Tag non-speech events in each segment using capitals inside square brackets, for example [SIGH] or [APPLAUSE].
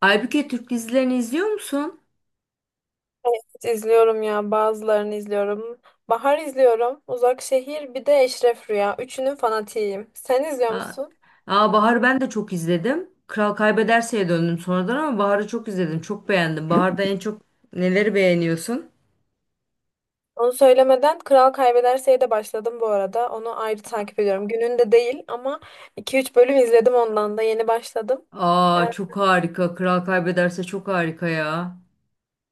Aybüke Türk dizilerini izliyor musun? Evet, izliyorum ya, bazılarını izliyorum. Bahar izliyorum. Uzak Şehir, bir de Eşref Rüya. Üçünün fanatiyim. Sen izliyor Aa, musun? aa Bahar'ı ben de çok izledim. Kral Kaybederse'ye döndüm sonradan ama Bahar'ı çok izledim. Çok beğendim. Bahar'da en çok neleri beğeniyorsun? Onu söylemeden Kral Kaybederse'ye de başladım bu arada. Onu ayrı takip ediyorum. Gününde değil ama iki üç bölüm izledim ondan da. Yeni başladım. Ee, Aa çok harika. Kral Kaybederse çok harika ya.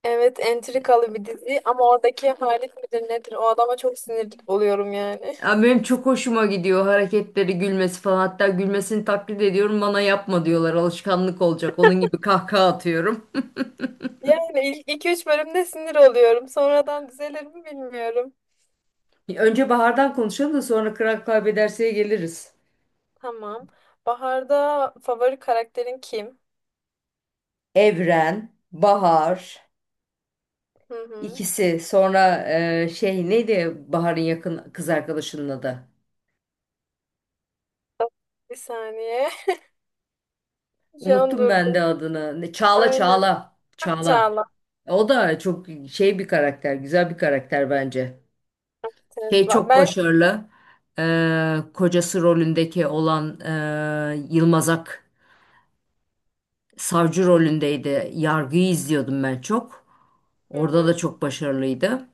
Evet, entrikalı bir dizi ama oradaki Halit midir nedir? O adama çok sinir oluyorum yani. Ya [LAUGHS] benim çok hoşuma gidiyor hareketleri, gülmesi falan. Hatta gülmesini taklit ediyorum. Bana yapma diyorlar. Alışkanlık olacak. Onun gibi kahkaha atıyorum. Yani ilk 2-3 bölümde sinir oluyorum. Sonradan düzelir mi bilmiyorum. [LAUGHS] Önce Bahar'dan konuşalım da sonra Kral Kaybederse'ye geliriz. Tamam. Bahar'da favori karakterin kim? Evren, Bahar. Hı hı. İkisi sonra şey neydi Bahar'ın yakın kız arkadaşının adı? Bir saniye. [LAUGHS] Şu an Unuttum ben durdum. de adını. Çağla Aynen. Çağla. Ah, Çağla. Çağla. O da çok şey bir karakter, güzel bir karakter bence. Evet, Şey çok ben başarılı. Kocası rolündeki olan Yılmaz Ak savcı rolündeydi. Yargıyı izliyordum ben çok. hı Orada da hı, çok başarılıydı.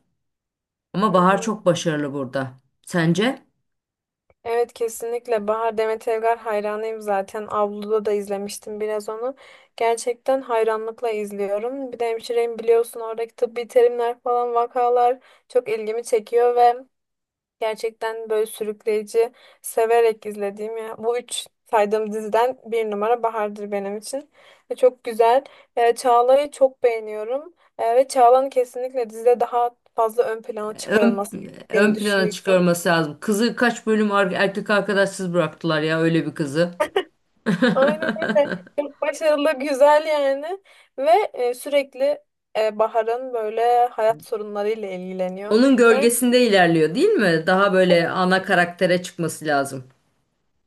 Ama hı Bahar hı. çok başarılı burada. Sence? Evet, kesinlikle Bahar Demet Evgar hayranıyım zaten. Avluda da izlemiştim biraz onu. Gerçekten hayranlıkla izliyorum. Bir de hemşireyim, biliyorsun, oradaki tıbbi terimler falan, vakalar çok ilgimi çekiyor ve gerçekten böyle sürükleyici, severek izlediğim ya. Bu üç saydığım diziden bir numara Bahar'dır benim için. Ve çok güzel. Çağla'yı çok beğeniyorum. Ve Çağla'nın kesinlikle dizide daha fazla ön plana ön, çıkarılması gerektiğini ön plana düşünüyorum. çıkarması lazım. Kızı kaç bölüm erkek arkadaşsız bıraktılar ya öyle bir kızı. Aynen öyle. Çok başarılı, güzel yani. Ve sürekli Bahar'ın böyle hayat sorunlarıyla ilgileniyor. Onun Yani gölgesinde ilerliyor değil mi? Daha böyle ana karaktere çıkması lazım.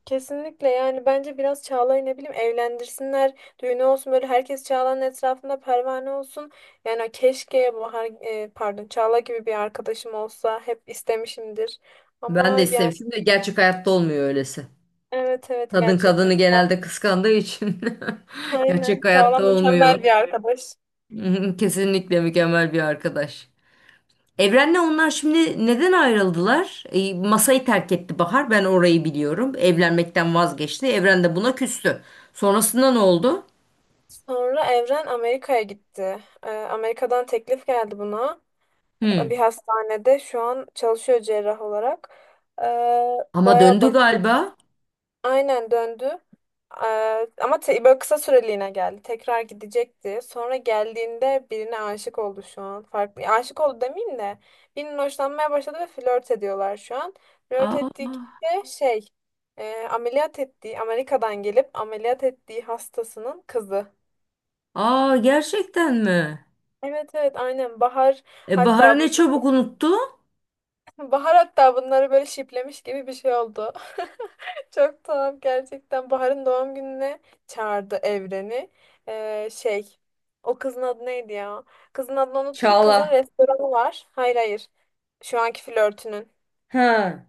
kesinlikle yani bence biraz Çağla'yı, ne bileyim, evlendirsinler, düğünü olsun, böyle herkes Çağla'nın etrafında pervane olsun. Yani keşke Bahar pardon, Çağla gibi bir arkadaşım olsa, hep istemişimdir. Ben de Ama yani istemişim de gerçek hayatta olmuyor öylesi. evet, evet, Kadın gerçekten. kadını genelde kıskandığı için [LAUGHS] gerçek Aynen, Çağla hayatta mükemmel olmuyor. bir arkadaş. [LAUGHS] Kesinlikle mükemmel bir arkadaş. Evren'le onlar şimdi neden ayrıldılar? Masayı terk etti Bahar. Ben orayı biliyorum. Evlenmekten vazgeçti. Evren de buna küstü. Sonrasında ne oldu? Sonra Evren Amerika'ya gitti. Amerika'dan teklif geldi buna. Hı. Bir hastanede şu an çalışıyor cerrah olarak. E, Ama bayağı döndü başarılı. galiba. Aynen, döndü. Böyle kısa süreliğine geldi. Tekrar gidecekti. Sonra geldiğinde birine aşık oldu şu an. Farklı. Aşık oldu demeyeyim de, birinin hoşlanmaya başladı ve flört ediyorlar şu an. Flört ettiği kişi Aa, de ameliyat ettiği, Amerika'dan gelip ameliyat ettiği hastasının kızı. aa gerçekten mi? Evet, evet, aynen. Bahar E Bahar'ı hatta ne bu çabuk unuttu? Bahar hatta bunları böyle şiplemiş gibi bir şey oldu. [LAUGHS] Çok tuhaf gerçekten. Bahar'ın doğum gününe çağırdı Evren'i. Ee, şey, O kızın adı neydi ya? Kızın adını unuttum. Kızın Çağla. restoranı var. Hayır, hayır. Şu anki flörtünün. Ha.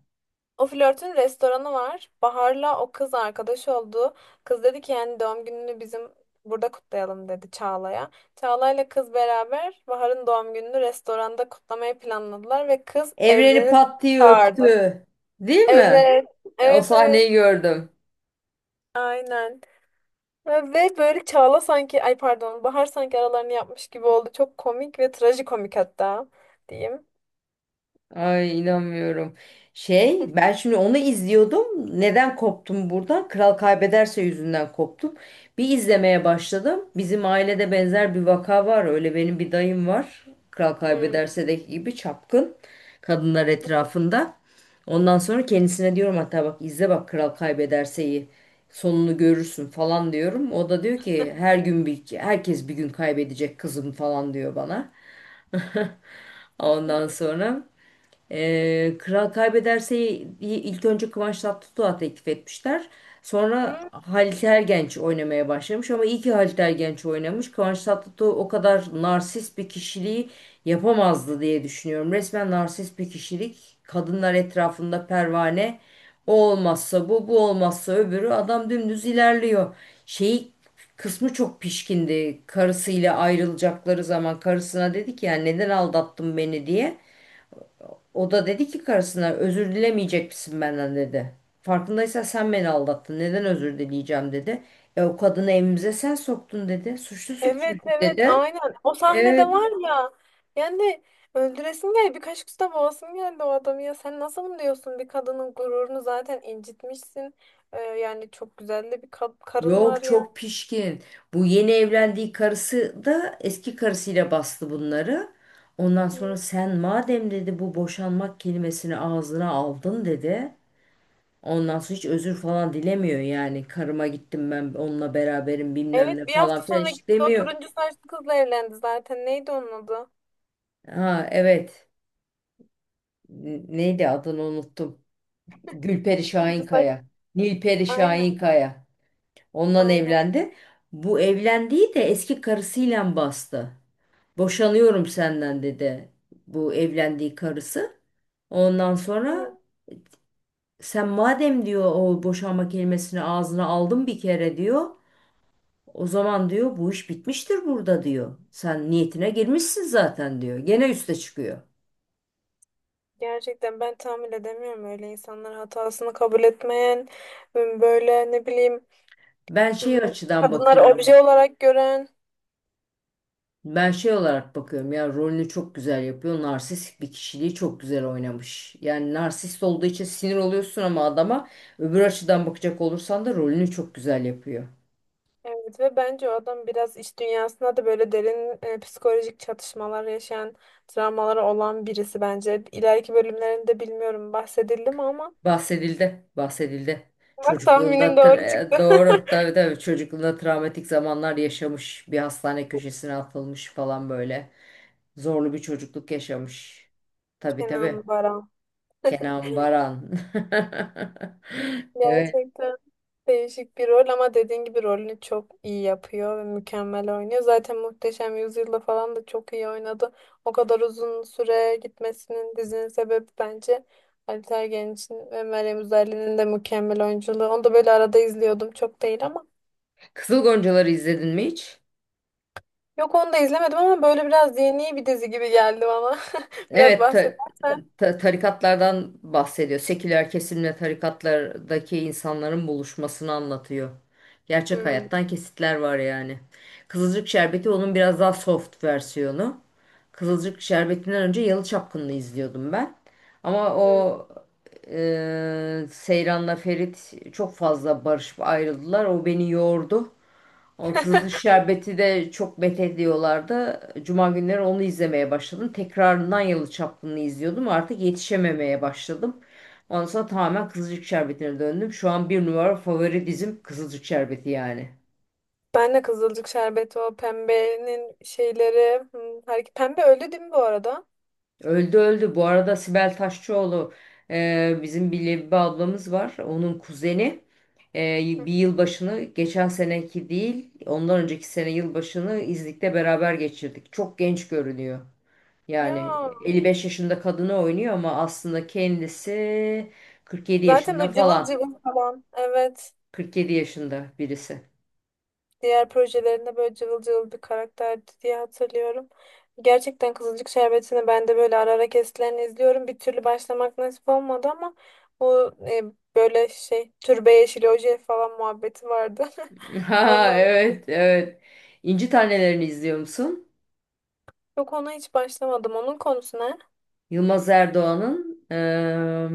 O flörtün restoranı var. Bahar'la o kız arkadaş oldu. Kız dedi ki yani doğum gününü bizim burada kutlayalım, dedi Çağla'ya. Çağla'yla kız beraber Bahar'ın doğum gününü restoranda kutlamayı planladılar ve kız Evreni Evren'i pat diye öptü. çağırdı. Değil mi? Evet, O evet, evet. sahneyi gördüm. Aynen. Ve böyle Çağla sanki, ay pardon, Bahar sanki aralarını yapmış gibi oldu. Çok komik, ve trajikomik hatta diyeyim. Ay inanmıyorum. Şey ben şimdi onu izliyordum. Neden koptum buradan? Kral Kaybederse yüzünden koptum. Bir izlemeye başladım. Bizim ailede benzer bir vaka var. Öyle benim bir dayım var. Kral Hı. Kaybederse'deki gibi çapkın kadınlar etrafında. Ondan sonra kendisine diyorum hatta bak izle bak Kral Kaybederse'yi. Sonunu görürsün falan diyorum. O da diyor ki her gün bir herkes bir gün kaybedecek kızım falan diyor bana. [LAUGHS] Ondan sonra Kral Kaybederse'yi ilk önce Kıvanç Tatlıtuğ'a teklif etmişler. Sonra Hı? Halit Ergenç oynamaya başlamış ama iyi ki Halit Ergenç oynamış. Kıvanç Tatlıtuğ o kadar narsist bir kişiliği yapamazdı diye düşünüyorum. Resmen narsist bir kişilik. Kadınlar etrafında pervane. O olmazsa bu, bu olmazsa öbürü. Adam dümdüz ilerliyor. Şey kısmı çok pişkindi. Karısıyla ayrılacakları zaman karısına dedi ki yani neden aldattın beni diye. O da dedi ki karısına özür dilemeyecek misin benden dedi. Farkındaysan sen beni aldattın. Neden özür dileyeceğim dedi. E o kadını evimize sen soktun dedi. Suçlusun Evet, çünkü evet, dedi. aynen. O sahnede Evet. var ya. Yani öldüresin geldi. Birkaç kusta boğasın geldi o adamı ya. Sen nasıl bunu diyorsun? Bir kadının gururunu zaten incitmişsin. Yani çok güzel de bir karın var Yok yani. çok pişkin. Bu yeni evlendiği karısı da eski karısıyla bastı bunları. Ondan sonra Hı. sen madem dedi bu boşanmak kelimesini ağzına aldın dedi. Ondan sonra hiç özür falan dilemiyor yani. Karıma gittim ben onunla beraberim bilmem ne Evet, bir falan hafta filan sonra hiç gitti, o demiyor. turuncu saçlı kızla evlendi zaten. Neydi onun adı? Ha evet. Neydi adını unuttum. Gülperi Turuncu saç. Şahinkaya. Nilperi Aynen. Şahinkaya. Ondan Aynen. evlendi. Bu evlendiği de eski karısıyla bastı. Boşanıyorum senden dedi bu evlendiği karısı. Ondan Hı, sonra sen madem diyor o boşanma kelimesini ağzına aldın bir kere diyor. O zaman diyor bu iş bitmiştir burada diyor. Sen niyetine girmişsin zaten diyor. Gene üste çıkıyor. gerçekten ben tahammül edemiyorum öyle insanlar, hatasını kabul etmeyen, böyle ne bileyim, Ben şey açıdan kadınları bakıyorum. obje olarak gören. Ben şey olarak bakıyorum ya rolünü çok güzel yapıyor. Narsist bir kişiliği çok güzel oynamış. Yani narsist olduğu için sinir oluyorsun ama adama öbür açıdan bakacak olursan da rolünü çok güzel yapıyor. Evet, ve bence o adam biraz iş dünyasında da böyle derin psikolojik çatışmalar yaşayan, travmaları olan birisi bence. İleriki bölümlerinde bilmiyorum bahsedildi mi ama Bahsedildi, bahsedildi. bak, Çocukluğunda tahminim doğru çıktı. doğru [LAUGHS] tabii tabii çocukluğunda travmatik zamanlar yaşamış. Bir hastane köşesine atılmış falan böyle. Zorlu bir çocukluk yaşamış. Tabii Kenan tabii. Baran. Kenan Baran. [LAUGHS] Evet. Gerçekten. Değişik bir rol ama dediğin gibi rolünü çok iyi yapıyor ve mükemmel oynuyor. Zaten Muhteşem Yüzyıl'da falan da çok iyi oynadı. O kadar uzun süre gitmesinin, dizinin sebebi bence Ali Tergen ve Meryem Üzerli'nin de mükemmel oyunculuğu. Onu da böyle arada izliyordum, çok değil ama. Kızıl Goncaları izledin mi hiç? Yok, onu da izlemedim ama böyle biraz yeni bir dizi gibi geldi bana. [LAUGHS] Biraz Evet, bahsedersen. Tarikatlardan bahsediyor. Seküler kesimle tarikatlardaki insanların buluşmasını anlatıyor. Gerçek Hmm, hayattan kesitler var yani. Kızılcık Şerbeti onun biraz daha soft versiyonu. Kızılcık Şerbeti'nden önce Yalı Çapkını'nı izliyordum ben. Ama hmm. o Seyran'la Ferit çok fazla barışıp ayrıldılar. O beni yordu. O Kızılış Şerbeti de çok met ediyorlardı. Cuma günleri onu izlemeye başladım. Tekrarından Yalı Çapkını'nı izliyordum. Artık yetişememeye başladım. Ondan sonra tamamen Kızılcık Şerbeti'ne döndüm. Şu an bir numara favori dizim Kızılcık Şerbeti yani. Ben de Kızılcık Şerbeti, o pembenin şeyleri. Hmm, Pembe öldü değil mi bu arada? Öldü öldü. Bu arada Sibel Taşçıoğlu bizim bir Lebibe ablamız var. Onun kuzeni. E, Hı. Bir yılbaşını geçen seneki değil ondan önceki sene yılbaşını İznik'te beraber geçirdik. Çok genç görünüyor. Yani Ya. 55 yaşında kadını oynuyor ama aslında kendisi 47 Zaten yaşında böyle cıvıl falan. cıvıl falan. Evet. 47 yaşında birisi. Diğer projelerinde böyle cıvıl cıvıl bir karakterdi diye hatırlıyorum. Gerçekten Kızılcık Şerbeti'ni ben de böyle ara ara kesitlerini izliyorum. Bir türlü başlamak nasip olmadı ama o böyle şey türbe yeşili oje falan muhabbeti vardı. [LAUGHS] [LAUGHS] Ha Ondan evet evet. İnci Taneleri'ni izliyor musun? yok, ona hiç başlamadım. Onun konusu ne? Yılmaz Erdoğan'ın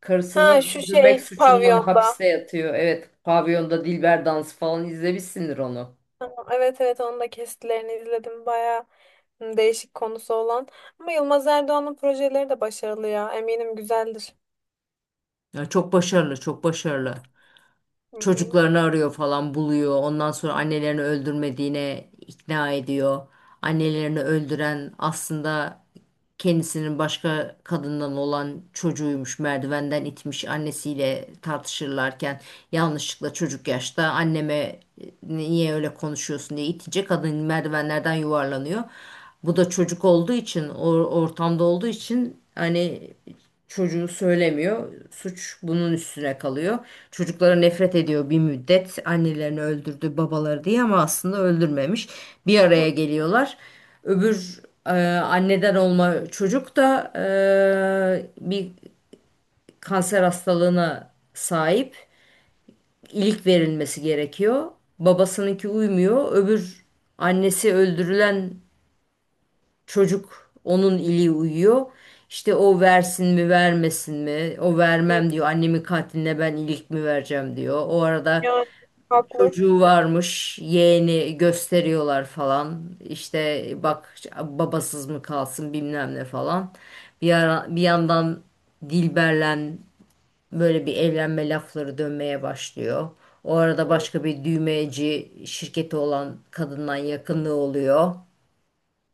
karısını Ha, şu öldürmek şey suçundan pavyonda. hapiste yatıyor. Evet, pavyonda Dilber dansı falan izlemişsindir onu. Tamam, evet, evet, onun da kesitlerini izledim. Bayağı hı, değişik konusu olan. Ama Yılmaz Erdoğan'ın projeleri de başarılı ya. Eminim güzeldir. Ya çok başarılı, çok başarılı. Hı hı. Çocuklarını arıyor falan buluyor. Ondan sonra annelerini öldürmediğine ikna ediyor. Annelerini öldüren aslında kendisinin başka kadından olan çocuğuymuş. Merdivenden itmiş annesiyle tartışırlarken yanlışlıkla çocuk yaşta anneme niye öyle konuşuyorsun diye itince kadın merdivenlerden yuvarlanıyor. Bu da çocuk olduğu için, o ortamda olduğu için hani çocuğu söylemiyor. Suç bunun üstüne kalıyor. Çocuklara nefret ediyor bir müddet. Annelerini öldürdü, babaları diye ama aslında öldürmemiş. Bir Hı araya geliyorlar. Öbür anneden olma çocuk da bir kanser hastalığına sahip. İlik verilmesi gerekiyor. Babasınınki uymuyor. Öbür annesi öldürülen çocuk onun ili uyuyor. İşte o versin mi vermesin mi? O hı. vermem diyor. Annemin katiline ben ilik mi vereceğim diyor. O arada Yani haklı. çocuğu varmış. Yeğeni gösteriyorlar falan. İşte bak babasız mı kalsın bilmem ne falan. Bir ara, bir yandan Dilber'le böyle bir evlenme lafları dönmeye başlıyor. O arada Hı. başka bir düğmeci şirketi olan kadından yakınlığı oluyor.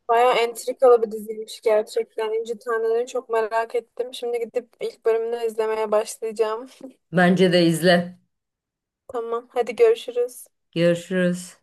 Bayağı entrikalı bir diziymiş gerçekten. İnci Tanrı'nı çok merak ettim. Şimdi gidip ilk bölümünü izlemeye başlayacağım. Bence de izle. Tamam, hadi görüşürüz. Görüşürüz.